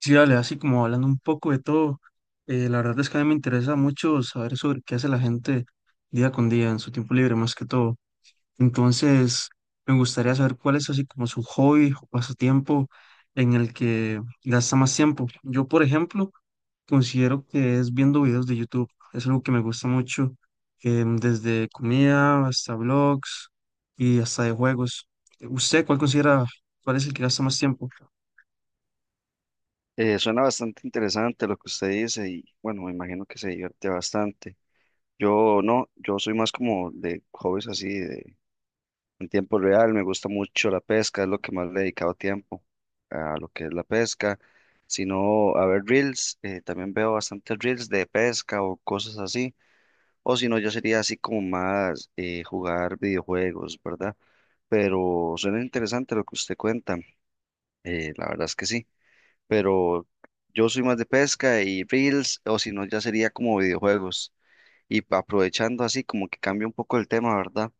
Sí, dale, así como hablando un poco de todo, la verdad es que a mí me interesa mucho saber sobre qué hace la gente día con día en su tiempo libre, más que todo. Entonces, me gustaría saber cuál es así como su hobby o pasatiempo en el que gasta más tiempo. Yo, por ejemplo, considero que es viendo videos de YouTube. Es algo que me gusta mucho, desde comida hasta vlogs y hasta de juegos. ¿Usted cuál considera, cuál es el que gasta más tiempo? Suena bastante interesante lo que usted dice y bueno, me imagino que se divierte bastante. Yo no, yo soy más como de hobbies así, de, en tiempo real, me gusta mucho la pesca, es lo que más le he dedicado tiempo a lo que es la pesca, sino a ver reels, también veo bastantes reels de pesca o cosas así, o si no, yo sería así como más jugar videojuegos, ¿verdad? Pero suena interesante lo que usted cuenta, la verdad es que sí, pero yo soy más de pesca y reels, o si no, ya sería como videojuegos. Y aprovechando así, como que cambia un poco el tema, ¿verdad?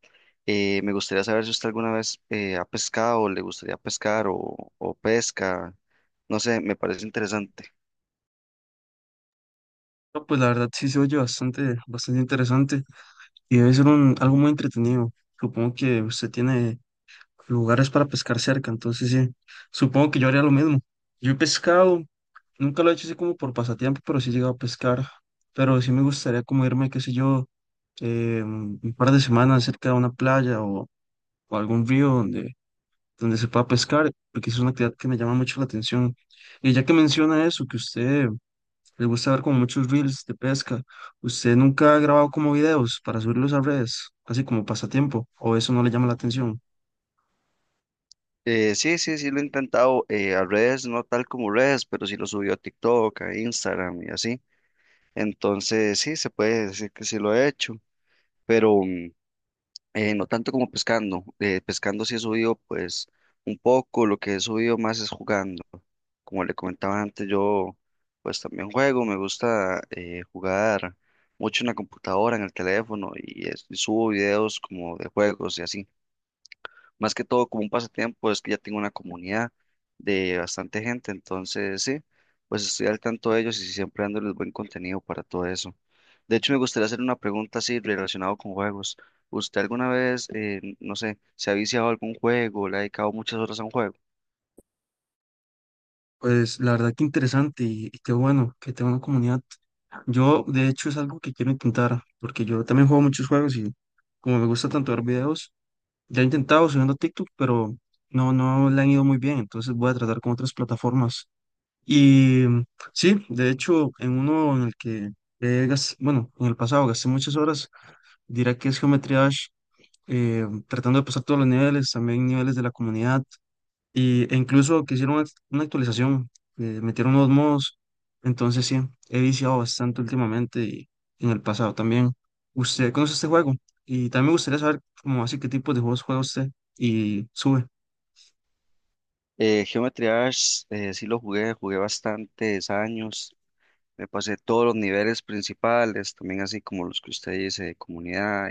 Me gustaría saber si usted alguna vez ha pescado, le gustaría pescar o pesca, no sé, me parece interesante. No, pues la verdad sí se oye bastante, bastante interesante y debe ser un, algo muy entretenido. Supongo que usted tiene lugares para pescar cerca, entonces sí, supongo que yo haría lo mismo. Yo he pescado, nunca lo he hecho así como por pasatiempo, pero sí he llegado a pescar, pero sí me gustaría como irme, qué sé yo, un par de semanas cerca de una playa o algún río donde, donde se pueda pescar, porque es una actividad que me llama mucho la atención. Y ya que menciona eso, que usted les gusta ver como muchos reels de pesca. ¿Usted nunca ha grabado como videos para subirlos a redes, así como pasatiempo? ¿O eso no le llama la atención? Sí, lo he intentado a redes, no tal como redes, pero sí lo subió a TikTok, a Instagram y así. Entonces, sí, se puede decir que sí lo he hecho, pero no tanto como pescando. Pescando sí he subido pues un poco, lo que he subido más es jugando. Como le comentaba antes, yo pues también juego, me gusta jugar mucho en la computadora, en el teléfono y subo videos como de juegos y así. Más que todo como un pasatiempo, es que ya tengo una comunidad de bastante gente, entonces sí, pues estoy al tanto de ellos y siempre dándoles buen contenido para todo eso. De hecho, me gustaría hacer una pregunta así relacionado con juegos. ¿Usted alguna vez, no sé, se ha viciado a algún juego, le ha dedicado muchas horas a un juego? Pues la verdad que interesante y qué bueno que tenga una comunidad. Yo, de hecho, es algo que quiero intentar, porque yo también juego muchos juegos y como me gusta tanto ver videos, ya he intentado subiendo a TikTok, pero no, no le han ido muy bien, entonces voy a tratar con otras plataformas. Y sí, de hecho, en uno en el que, bueno, en el pasado gasté muchas horas, dirá que es geometría tratando de pasar todos los niveles, también niveles de la comunidad, y, e incluso que hicieron una actualización, metieron unos modos, entonces sí, he viciado bastante últimamente y en el pasado también. ¿Usted conoce este juego? Y también me gustaría saber como así qué tipo de juegos juega usted y sube. Geometry Dash, sí lo jugué, jugué bastantes años, me pasé todos los niveles principales, también así como los que usted dice de comunidad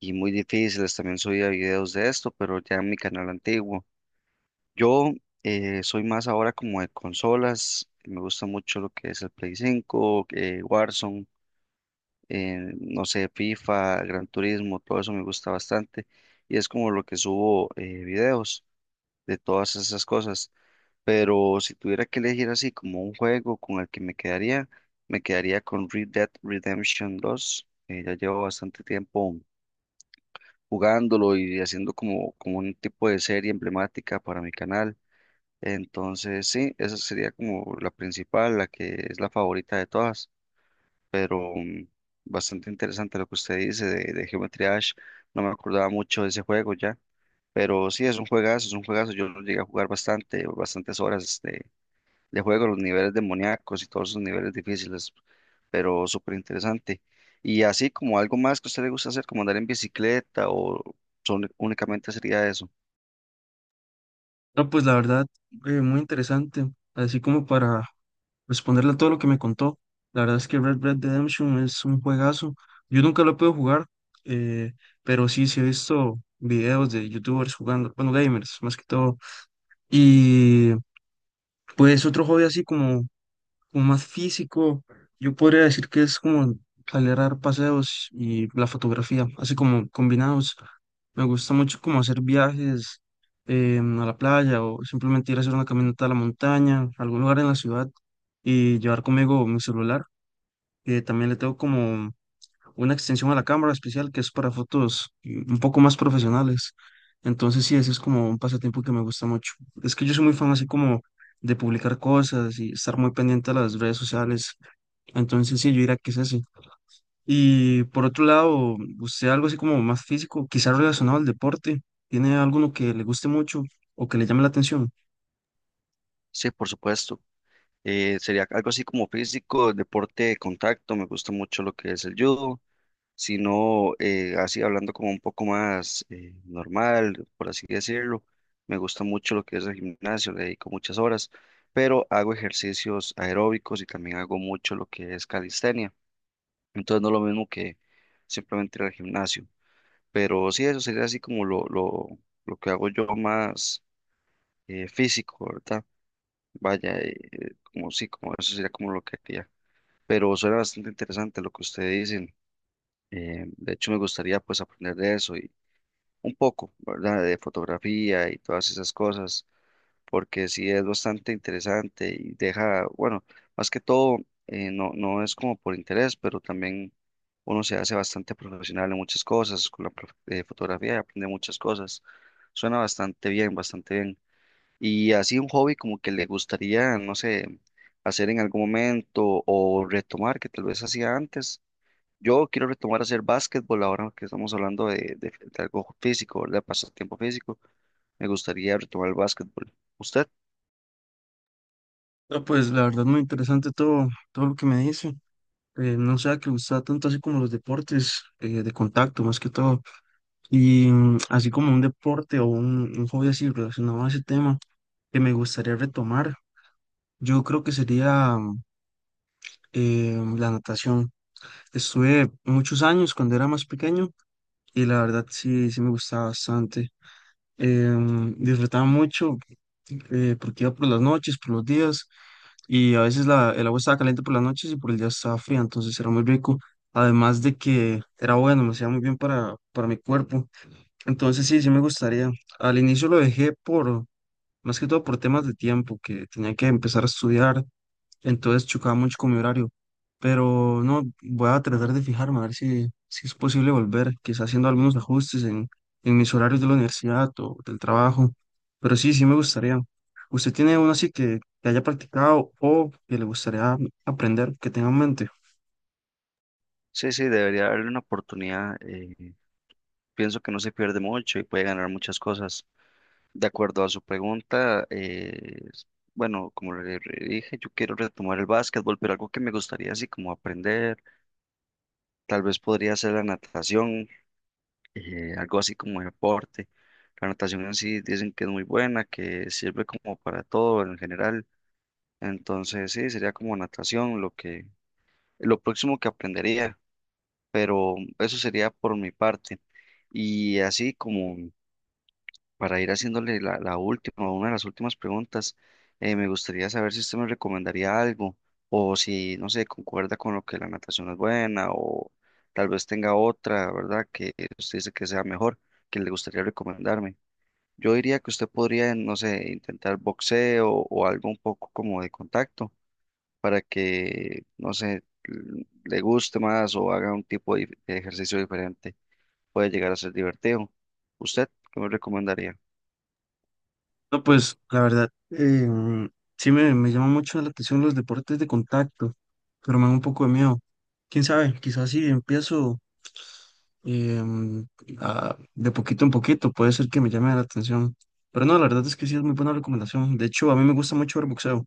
y muy difíciles. También subía videos de esto, pero ya en mi canal antiguo. Yo soy más ahora como de consolas. Me gusta mucho lo que es el Play 5, Warzone, no sé, FIFA, Gran Turismo, todo eso me gusta bastante. Y es como lo que subo, videos de todas esas cosas. Pero si tuviera que elegir así como un juego con el que me quedaría con Red Dead Redemption 2. Ya llevo bastante tiempo jugándolo y haciendo como un tipo de serie emblemática para mi canal. Entonces, sí, esa sería como la principal, la que es la favorita de todas, pero mm, bastante interesante lo que usted dice de Geometry Dash. No me acordaba mucho de ese juego ya, pero sí, es un juegazo, es un juegazo. Yo lo llegué a jugar bastante, bastantes horas de juego, los niveles demoníacos y todos esos niveles difíciles, pero súper interesante. Y así como algo más que a usted le gusta hacer, como andar en bicicleta o son, únicamente sería eso. No, pues la verdad, muy interesante. Así como para responderle a todo lo que me contó. La verdad es que Red Dead Redemption es un juegazo. Yo nunca lo he podido jugar, eh, pero sí, sí he visto videos de youtubers jugando, bueno, gamers más que todo. Y pues otro hobby así como como más físico. Yo podría decir que es como salir a dar paseos y la fotografía, así como combinados. Me gusta mucho como hacer viajes a la playa o simplemente ir a hacer una caminata a la montaña, a algún lugar en la ciudad y llevar conmigo mi celular, que también le tengo como una extensión a la cámara especial que es para fotos, un poco más profesionales. Entonces sí, ese es como un pasatiempo que me gusta mucho. Es que yo soy muy fan así como de publicar cosas y estar muy pendiente a las redes sociales. Entonces sí, yo diría que es ese. Y por otro lado, usted algo así como más físico, quizás relacionado al deporte, ¿tiene alguno que le guste mucho o que le llame la atención? Sí, por supuesto. Sería algo así como físico, deporte de contacto, me gusta mucho lo que es el judo, sino así hablando como un poco más normal, por así decirlo, me gusta mucho lo que es el gimnasio, le dedico muchas horas, pero hago ejercicios aeróbicos y también hago mucho lo que es calistenia, entonces no es lo mismo que simplemente ir al gimnasio. Pero sí, eso sería así como lo que hago yo más físico, ¿verdad? Vaya, como sí, como eso sería como lo que haría. Pero suena bastante interesante lo que ustedes dicen. De hecho, me gustaría pues aprender de eso y un poco, ¿verdad? De fotografía y todas esas cosas, porque sí es bastante interesante y deja, bueno, más que todo, no, no es como por interés, pero también uno se hace bastante profesional en muchas cosas, con la fotografía aprende muchas cosas. Suena bastante bien, bastante bien. Y así un hobby como que le gustaría, no sé, hacer en algún momento o retomar, que tal vez hacía antes. Yo quiero retomar a hacer básquetbol ahora que estamos hablando de algo físico, de pasatiempo físico. Me gustaría retomar el básquetbol. ¿Usted? No, pues la verdad muy interesante todo, todo lo que me dice. No sé que le gusta tanto así como los deportes de contacto, más que todo. Y así como un deporte o un hobby así relacionado a ese tema que me gustaría retomar, yo creo que sería la natación. Estuve muchos años cuando era más pequeño y la verdad sí, sí me gustaba bastante. Disfrutaba mucho porque iba por las noches, por los días y a veces la, el agua estaba caliente por las noches y por el día estaba fría, entonces era muy rico. Además de que era bueno, me hacía muy bien para mi cuerpo. Entonces sí, sí me gustaría. Al inicio lo dejé por, más que todo por temas de tiempo, que tenía que empezar a estudiar, entonces chocaba mucho con mi horario. Pero no, voy a tratar de fijarme a ver si, si es posible volver, quizás haciendo algunos ajustes en mis horarios de la universidad o del trabajo. Pero sí, sí me gustaría. ¿Usted tiene uno así que haya practicado o que le gustaría aprender, que tenga en mente? Sí, sí, debería darle una oportunidad. Pienso que no se pierde mucho y puede ganar muchas cosas. De acuerdo a su pregunta, bueno, como le dije, yo quiero retomar el básquetbol, pero algo que me gustaría así como aprender, tal vez podría ser la natación, algo así como deporte. La natación en sí dicen que es muy buena, que sirve como para todo en general. Entonces, sí, sería como natación lo próximo que aprendería. Pero eso sería por mi parte. Y así como para ir haciéndole la última, una de las últimas preguntas, me gustaría saber si usted me recomendaría algo o si, no sé, concuerda con lo que la natación es buena o tal vez tenga otra, ¿verdad? Que usted dice que sea mejor, que le gustaría recomendarme. Yo diría que usted podría, no sé, intentar boxeo o algo un poco como de contacto para que, no sé, le guste más o haga un tipo de ejercicio diferente, puede llegar a ser divertido. ¿Usted qué me recomendaría? No, pues la verdad, sí me llama mucho la atención los deportes de contacto, pero me da un poco de miedo. Quién sabe, quizás si empiezo em, de poquito en poquito, puede ser que me llame la atención. Pero no, la verdad es que sí es muy buena recomendación. De hecho, a mí me gusta mucho ver boxeo,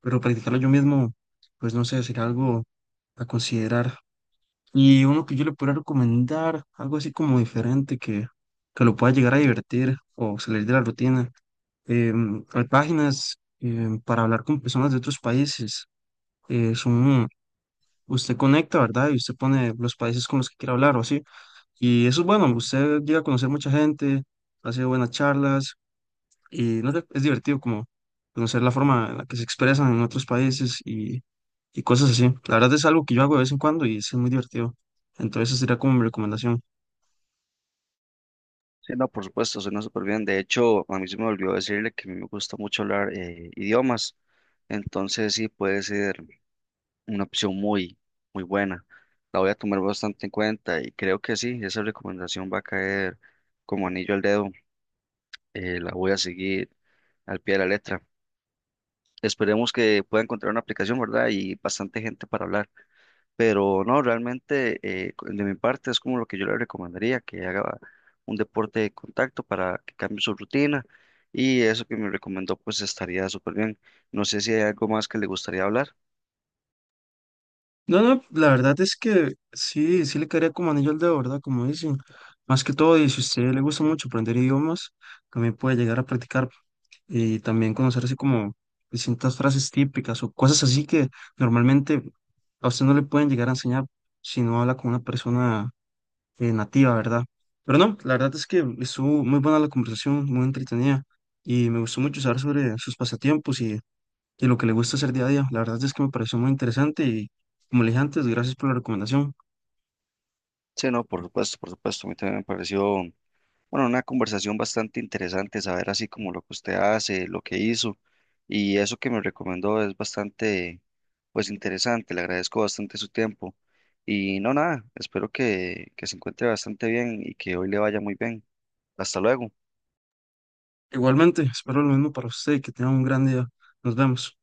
pero practicarlo yo mismo, pues no sé, sería algo a considerar. Y uno que yo le pueda recomendar, algo así como diferente, que lo pueda llegar a divertir o salir de la rutina hay páginas, para hablar con personas de otros países. Son, usted conecta, ¿verdad? Y usted pone los países con los que quiere hablar o así. Y eso es bueno, usted llega a conocer mucha gente, hace buenas charlas y no sé, es divertido como conocer la forma en la que se expresan en otros países y cosas así. La verdad es algo que yo hago de vez en cuando y es muy divertido. Entonces, esa sería como mi recomendación. Sí, no, por supuesto, suena súper bien. De hecho, a mí se me olvidó decirle que a mí me gusta mucho hablar idiomas, entonces sí puede ser una opción muy, muy buena. La voy a tomar bastante en cuenta y creo que sí, esa recomendación va a caer como anillo al dedo. La voy a seguir al pie de la letra. Esperemos que pueda encontrar una aplicación, ¿verdad? Y bastante gente para hablar. Pero no, realmente de mi parte es como lo que yo le recomendaría, que haga un deporte de contacto para que cambie su rutina, y eso que me recomendó pues estaría súper bien. No sé si hay algo más que le gustaría hablar. No, no, la verdad es que sí, sí le caería como anillo al dedo, ¿verdad? Como dicen. Más que todo, y si a usted le gusta mucho aprender idiomas, también puede llegar a practicar y también conocer así como distintas frases típicas o cosas así que normalmente a usted no le pueden llegar a enseñar si no habla con una persona nativa, ¿verdad? Pero no, la verdad es que estuvo muy buena la conversación, muy entretenida y me gustó mucho saber sobre sus pasatiempos y lo que le gusta hacer día a día. La verdad es que me pareció muy interesante y, como le dije antes, gracias por la recomendación. Sí, no, por supuesto, a mí también me pareció bueno, una conversación bastante interesante, saber así como lo que usted hace, lo que hizo, y eso que me recomendó es bastante, pues, interesante. Le agradezco bastante su tiempo y no, nada, espero que se encuentre bastante bien y que hoy le vaya muy bien. Hasta luego. Igualmente, espero lo mismo para usted que tenga un gran día. Nos vemos.